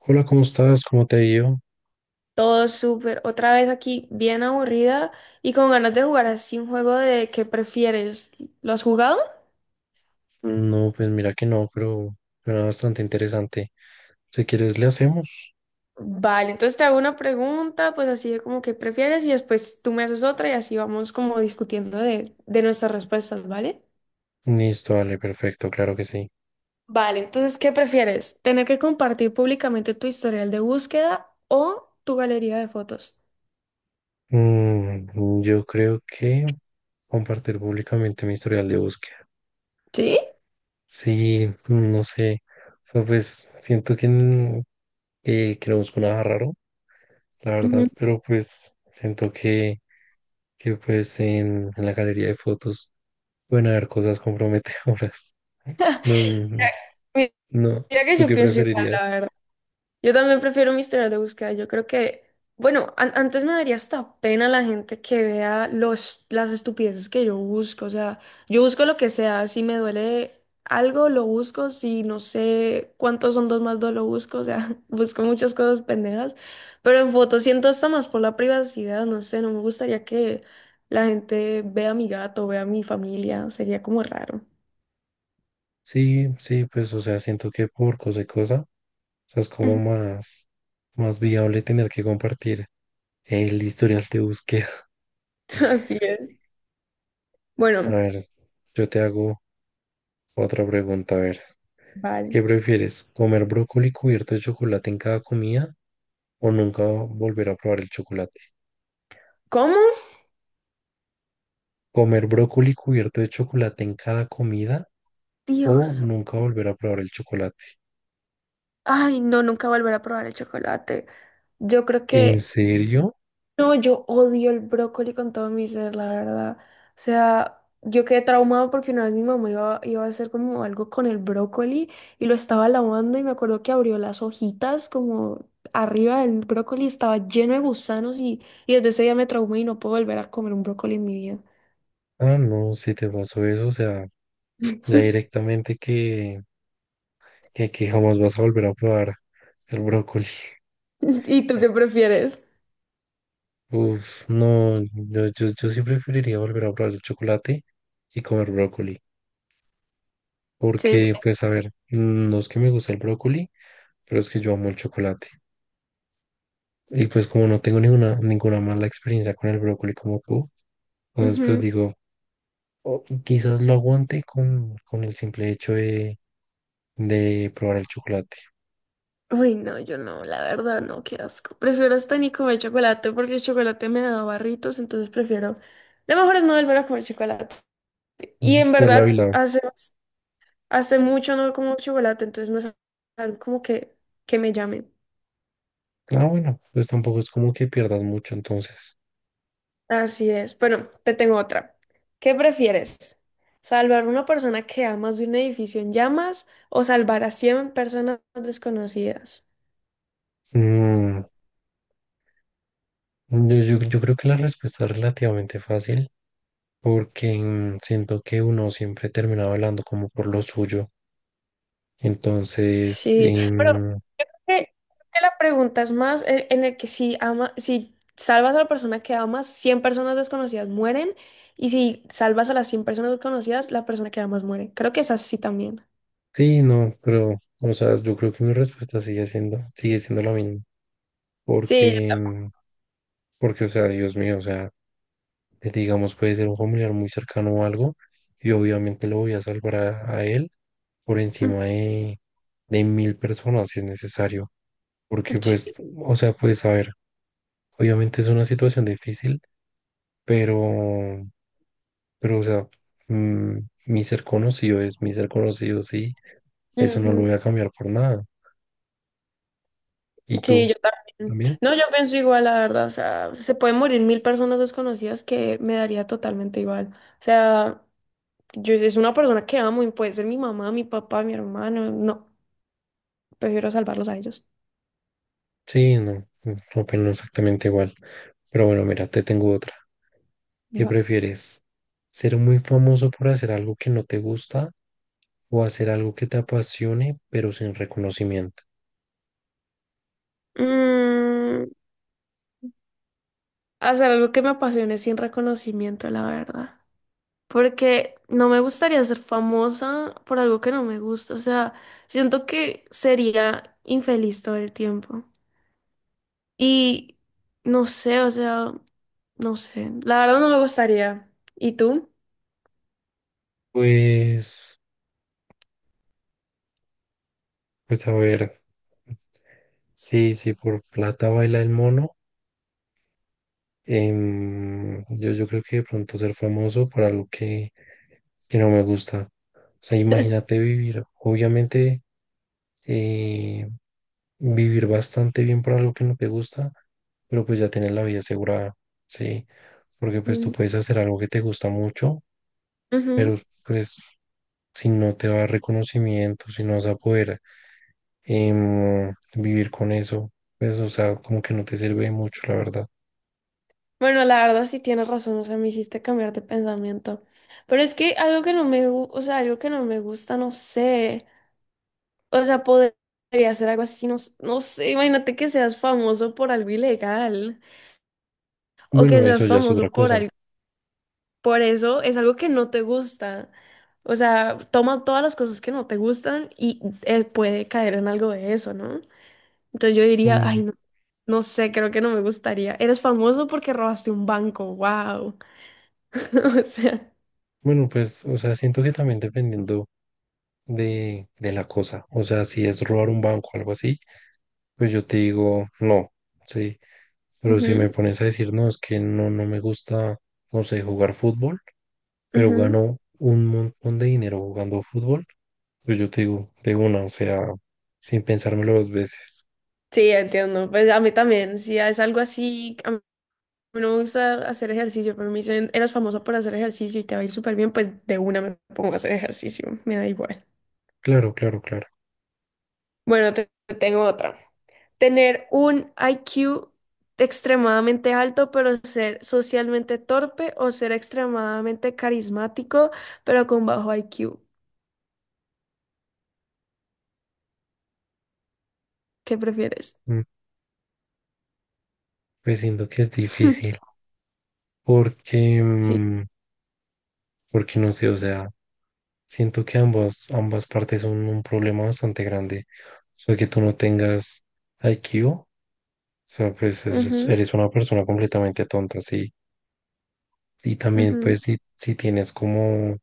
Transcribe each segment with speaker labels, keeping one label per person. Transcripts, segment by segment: Speaker 1: Hola, ¿cómo estás? ¿Cómo te ha ido?
Speaker 2: Todo súper. Otra vez aquí, bien aburrida y con ganas de jugar así un juego de qué prefieres. ¿Lo has jugado?
Speaker 1: No, pues mira que no, pero era bastante interesante. Si quieres, le hacemos.
Speaker 2: Vale, entonces te hago una pregunta, pues así de como qué prefieres y después tú me haces otra y así vamos como discutiendo de nuestras respuestas, ¿vale?
Speaker 1: Listo, vale, perfecto, claro que sí.
Speaker 2: Vale, entonces, ¿qué prefieres? ¿Tener que compartir públicamente tu historial de búsqueda o tu galería de fotos?
Speaker 1: Yo creo que compartir públicamente mi historial de búsqueda.
Speaker 2: ¿Sí?
Speaker 1: Sí, no sé. O sea, pues siento que no busco nada raro, la verdad,
Speaker 2: Ujú.
Speaker 1: pero pues siento que pues en la galería de fotos pueden haber cosas comprometedoras. No, no,
Speaker 2: Mi-
Speaker 1: no.
Speaker 2: Mira que
Speaker 1: ¿Tú
Speaker 2: yo
Speaker 1: qué
Speaker 2: pienso
Speaker 1: preferirías?
Speaker 2: igual. Yo también prefiero mi historial de búsqueda. Yo creo que, bueno, antes me daría hasta pena la gente que vea las estupideces que yo busco. O sea, yo busco lo que sea. Si me duele algo, lo busco. Si no sé cuántos son dos más dos, lo busco. O sea, busco muchas cosas pendejas. Pero en fotos siento hasta más por la privacidad. No sé, no me gustaría que la gente vea a mi gato, vea a mi familia. Sería como raro.
Speaker 1: Sí, sí, pues, o sea, siento que por cosa y cosa, o sea, es como más, más viable tener que compartir el historial de búsqueda.
Speaker 2: Así es.
Speaker 1: A
Speaker 2: Bueno,
Speaker 1: ver, yo te hago otra pregunta. A ver,
Speaker 2: vale.
Speaker 1: ¿qué prefieres? ¿Comer brócoli cubierto de chocolate en cada comida o nunca volver a probar el chocolate?
Speaker 2: ¿Cómo?
Speaker 1: ¿Comer brócoli cubierto de chocolate en cada comida o
Speaker 2: Dios.
Speaker 1: nunca volver a probar el chocolate?
Speaker 2: Ay, no, nunca volver a probar el chocolate. Yo creo
Speaker 1: ¿En
Speaker 2: que,
Speaker 1: serio?
Speaker 2: no, yo odio el brócoli con todo mi ser, la verdad. O sea, yo quedé traumado porque una vez mi mamá iba a hacer como algo con el brócoli y lo estaba lavando y me acuerdo que abrió las hojitas como arriba del brócoli, estaba lleno de gusanos y desde ese día me traumé y no puedo volver a comer un brócoli en mi vida.
Speaker 1: Ah, no, si te pasó eso, o sea, ya directamente que jamás vas a volver a probar el brócoli.
Speaker 2: ¿Y tú qué prefieres?
Speaker 1: Uf, no, yo sí preferiría volver a probar el chocolate y comer brócoli,
Speaker 2: Sí,
Speaker 1: porque
Speaker 2: sí.
Speaker 1: pues a ver, no es que me gusta el brócoli, pero es que yo amo el chocolate. Y pues como no tengo ninguna, ninguna mala experiencia con el brócoli como tú, entonces pues
Speaker 2: Ujú.
Speaker 1: digo, o quizás lo aguante con el simple hecho de probar el chocolate
Speaker 2: Uy, no, yo no, la verdad no, qué asco. Prefiero hasta ni comer chocolate porque el chocolate me da barritos, entonces prefiero. Lo mejor es no volver a comer chocolate. Y en
Speaker 1: por la
Speaker 2: verdad,
Speaker 1: vila.
Speaker 2: hace mucho no como chocolate, entonces no es algo como que me llamen.
Speaker 1: Ah, bueno, pues tampoco es como que pierdas mucho entonces.
Speaker 2: Así es. Bueno, te tengo otra. ¿Qué prefieres? ¿Salvar a una persona que amas de un edificio en llamas o salvar a 100 personas desconocidas?
Speaker 1: Mm, yo creo que la respuesta es relativamente fácil porque siento que uno siempre termina hablando como por lo suyo. Entonces,
Speaker 2: Sí, pero que que la pregunta es más en el que si ama, si salvas a la persona que amas, 100 personas desconocidas mueren, y si salvas a las 100 personas desconocidas, la persona que amas muere. Creo que es así también.
Speaker 1: sí, no, pero, o sea, yo creo que mi respuesta sigue siendo la misma.
Speaker 2: Sí,
Speaker 1: Porque, mm, porque, o sea, Dios mío, o sea, digamos, puede ser un familiar muy cercano o algo, y obviamente lo voy a salvar a él por
Speaker 2: yo-
Speaker 1: encima de mil personas si es necesario. Porque, pues,
Speaker 2: sí,
Speaker 1: o sea, pues, saber obviamente es una situación difícil, pero, pero o sea, mm, mi ser conocido es mi ser conocido, sí, eso no lo
Speaker 2: ujú,
Speaker 1: voy a cambiar por nada. ¿Y
Speaker 2: sí,
Speaker 1: tú?
Speaker 2: yo también.
Speaker 1: ¿También?
Speaker 2: No, yo pienso igual, la verdad. O sea, se pueden morir mil personas desconocidas que me daría totalmente igual. O sea, yo es una persona que amo y puede ser mi mamá, mi papá, mi hermano. No, prefiero salvarlos a ellos.
Speaker 1: Sí, no, opino exactamente igual. Pero bueno, mira, te tengo otra. ¿Qué
Speaker 2: Va.
Speaker 1: prefieres? ¿Ser muy famoso por hacer algo que no te gusta o hacer algo que te apasione pero sin reconocimiento?
Speaker 2: Mm, Hacer algo que me apasione sin reconocimiento, la verdad. Porque no me gustaría ser famosa por algo que no me gusta. O sea, siento que sería infeliz todo el tiempo. Y no sé, o sea, no sé. La verdad no me gustaría. ¿Y tú?
Speaker 1: Pues, pues a ver, sí, sí, por plata baila el mono. Yo creo que de pronto ser famoso por que no me gusta. O sea, imagínate vivir, obviamente, eh, vivir bastante bien por algo que no te gusta, pero pues ya tienes la vida asegurada, ¿sí? Porque pues tú
Speaker 2: Mm,
Speaker 1: puedes hacer algo que te gusta mucho, pero
Speaker 2: ujú.
Speaker 1: pues si no te va a dar reconocimiento, si no vas a poder vivir con eso, pues o sea, como que no te sirve mucho, la verdad.
Speaker 2: Bueno, la verdad sí tienes razón, o sea, me hiciste cambiar de pensamiento. Pero es que algo que no me, o sea, algo que no me gusta, no sé. O sea, podría ser algo así, no, no sé, imagínate que seas famoso por algo ilegal o que
Speaker 1: Bueno, eso
Speaker 2: seas
Speaker 1: ya es
Speaker 2: famoso
Speaker 1: otra
Speaker 2: por
Speaker 1: cosa.
Speaker 2: algo, por eso es algo que no te gusta. O sea, toma todas las cosas que no te gustan y puede caer en algo de eso, ¿no? Entonces yo diría,
Speaker 1: Mm,
Speaker 2: ay, no, no sé, creo que no me gustaría. Eres famoso porque robaste un banco, wow. O sea,
Speaker 1: Bueno, pues, o sea, siento que también dependiendo de la cosa, o sea, si es robar un banco o algo así, pues yo te digo no, sí, pero si
Speaker 2: ujú,
Speaker 1: me pones a decir no, es que no, no me gusta, no sé, jugar fútbol, pero
Speaker 2: ujú.
Speaker 1: gano un montón de dinero jugando fútbol, pues yo te digo de una, o sea, sin pensármelo dos veces.
Speaker 2: Sí, entiendo. Pues a mí también, si es algo así. Mí no me gusta hacer ejercicio, pero me dicen, eras famosa por hacer ejercicio y te va a ir súper bien, pues de una me pongo a hacer ejercicio, me da igual.
Speaker 1: Claro, claro, claro.
Speaker 2: Bueno, te tengo otra. Tener un IQ extremadamente alto, pero ser socialmente torpe o ser extremadamente carismático, pero con bajo IQ. ¿Qué prefieres?
Speaker 1: Mm, pues siento que es difícil, porque,
Speaker 2: Sí.
Speaker 1: mm, porque no sé, o sea. Siento que ambas, ambas partes son un problema bastante grande. O sea, que tú no tengas IQ, o sea,
Speaker 2: Ujú,
Speaker 1: eres una persona completamente tonta, sí. Y también,
Speaker 2: ujú,
Speaker 1: pues, si tienes como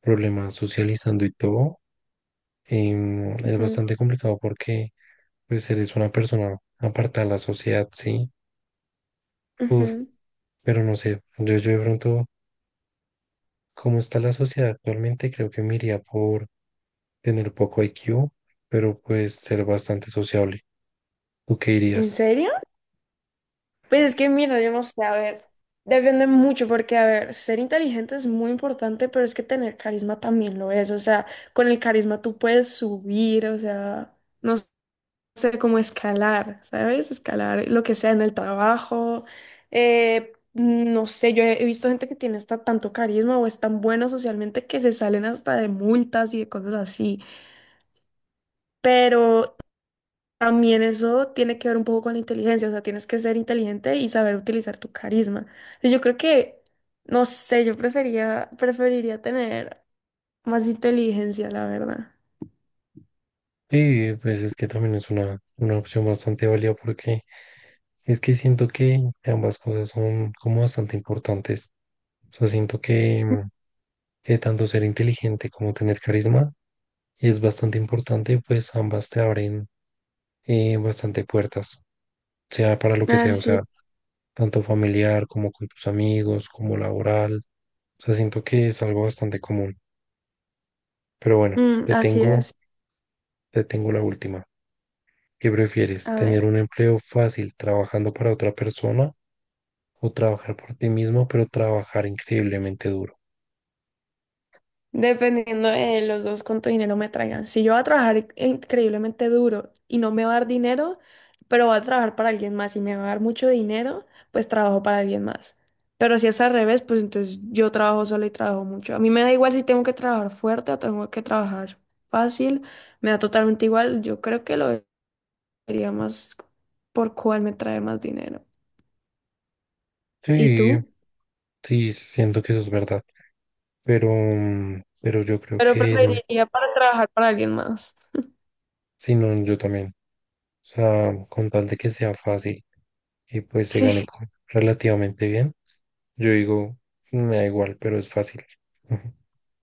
Speaker 1: problemas socializando y todo, es
Speaker 2: ujú,
Speaker 1: bastante complicado porque, pues, eres una persona apartada de la sociedad, sí. Uf,
Speaker 2: ujú.
Speaker 1: pero no sé, yo de pronto, cómo está la sociedad actualmente, creo que me iría por tener poco IQ, pero pues ser bastante sociable. ¿Tú qué
Speaker 2: ¿En
Speaker 1: dirías?
Speaker 2: serio? Pues es que mira, yo no sé, a ver, depende mucho porque, a ver, ser inteligente es muy importante, pero es que tener carisma también lo es, o sea, con el carisma tú puedes subir, o sea, no sé cómo escalar, ¿sabes? Escalar lo que sea en el trabajo, no sé, yo he visto gente que tiene hasta tanto carisma o es tan bueno socialmente que se salen hasta de multas y de cosas así. Pero también eso tiene que ver un poco con la inteligencia, o sea, tienes que ser inteligente y saber utilizar tu carisma. Y yo creo que, no sé, preferiría tener más inteligencia, la verdad.
Speaker 1: Sí, pues es que también es una opción bastante válida porque es que siento que ambas cosas son como bastante importantes. O sea, siento que tanto ser inteligente como tener carisma es bastante importante, pues ambas te abren bastante puertas, sea para lo que sea, o
Speaker 2: Así,
Speaker 1: sea, tanto familiar como con tus amigos, como laboral. O sea, siento que es algo bastante común. Pero bueno,
Speaker 2: mm, así es.
Speaker 1: te tengo la última. ¿Qué prefieres?
Speaker 2: A
Speaker 1: ¿Tener
Speaker 2: ver.
Speaker 1: un empleo fácil trabajando para otra persona o trabajar por ti mismo, pero trabajar increíblemente duro?
Speaker 2: Dependiendo de los dos cuánto dinero me traigan. Si yo voy a trabajar increíblemente duro y no me va a dar dinero, pero voy a trabajar para alguien más y me va a dar mucho dinero, pues trabajo para alguien más. Pero si es al revés, pues entonces yo trabajo sola y trabajo mucho. A mí me da igual si tengo que trabajar fuerte o tengo que trabajar fácil, me da totalmente igual. Yo creo que lo vería más por cuál me trae más dinero. ¿Y
Speaker 1: Sí,
Speaker 2: tú?
Speaker 1: sí, siento que eso es verdad, pero yo creo
Speaker 2: Pero
Speaker 1: que
Speaker 2: preferiría para trabajar para alguien más.
Speaker 1: sí, no, yo también. O sea, con tal de que sea fácil y pues
Speaker 2: Sí.
Speaker 1: relativamente bien, yo digo, me da igual, pero es fácil. Ujú.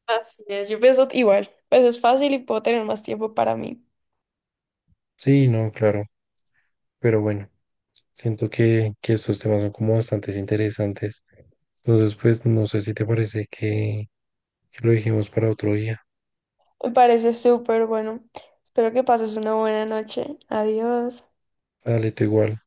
Speaker 2: Así es, yo pienso igual, pues es fácil y puedo tener más tiempo para mí.
Speaker 1: Sí, no, claro, pero bueno. Siento que estos temas son como bastante interesantes. Entonces, pues no sé si te parece que lo dejemos para otro día.
Speaker 2: Me parece súper bueno. Espero que pases una buena noche. Adiós.
Speaker 1: Dale, tú igual.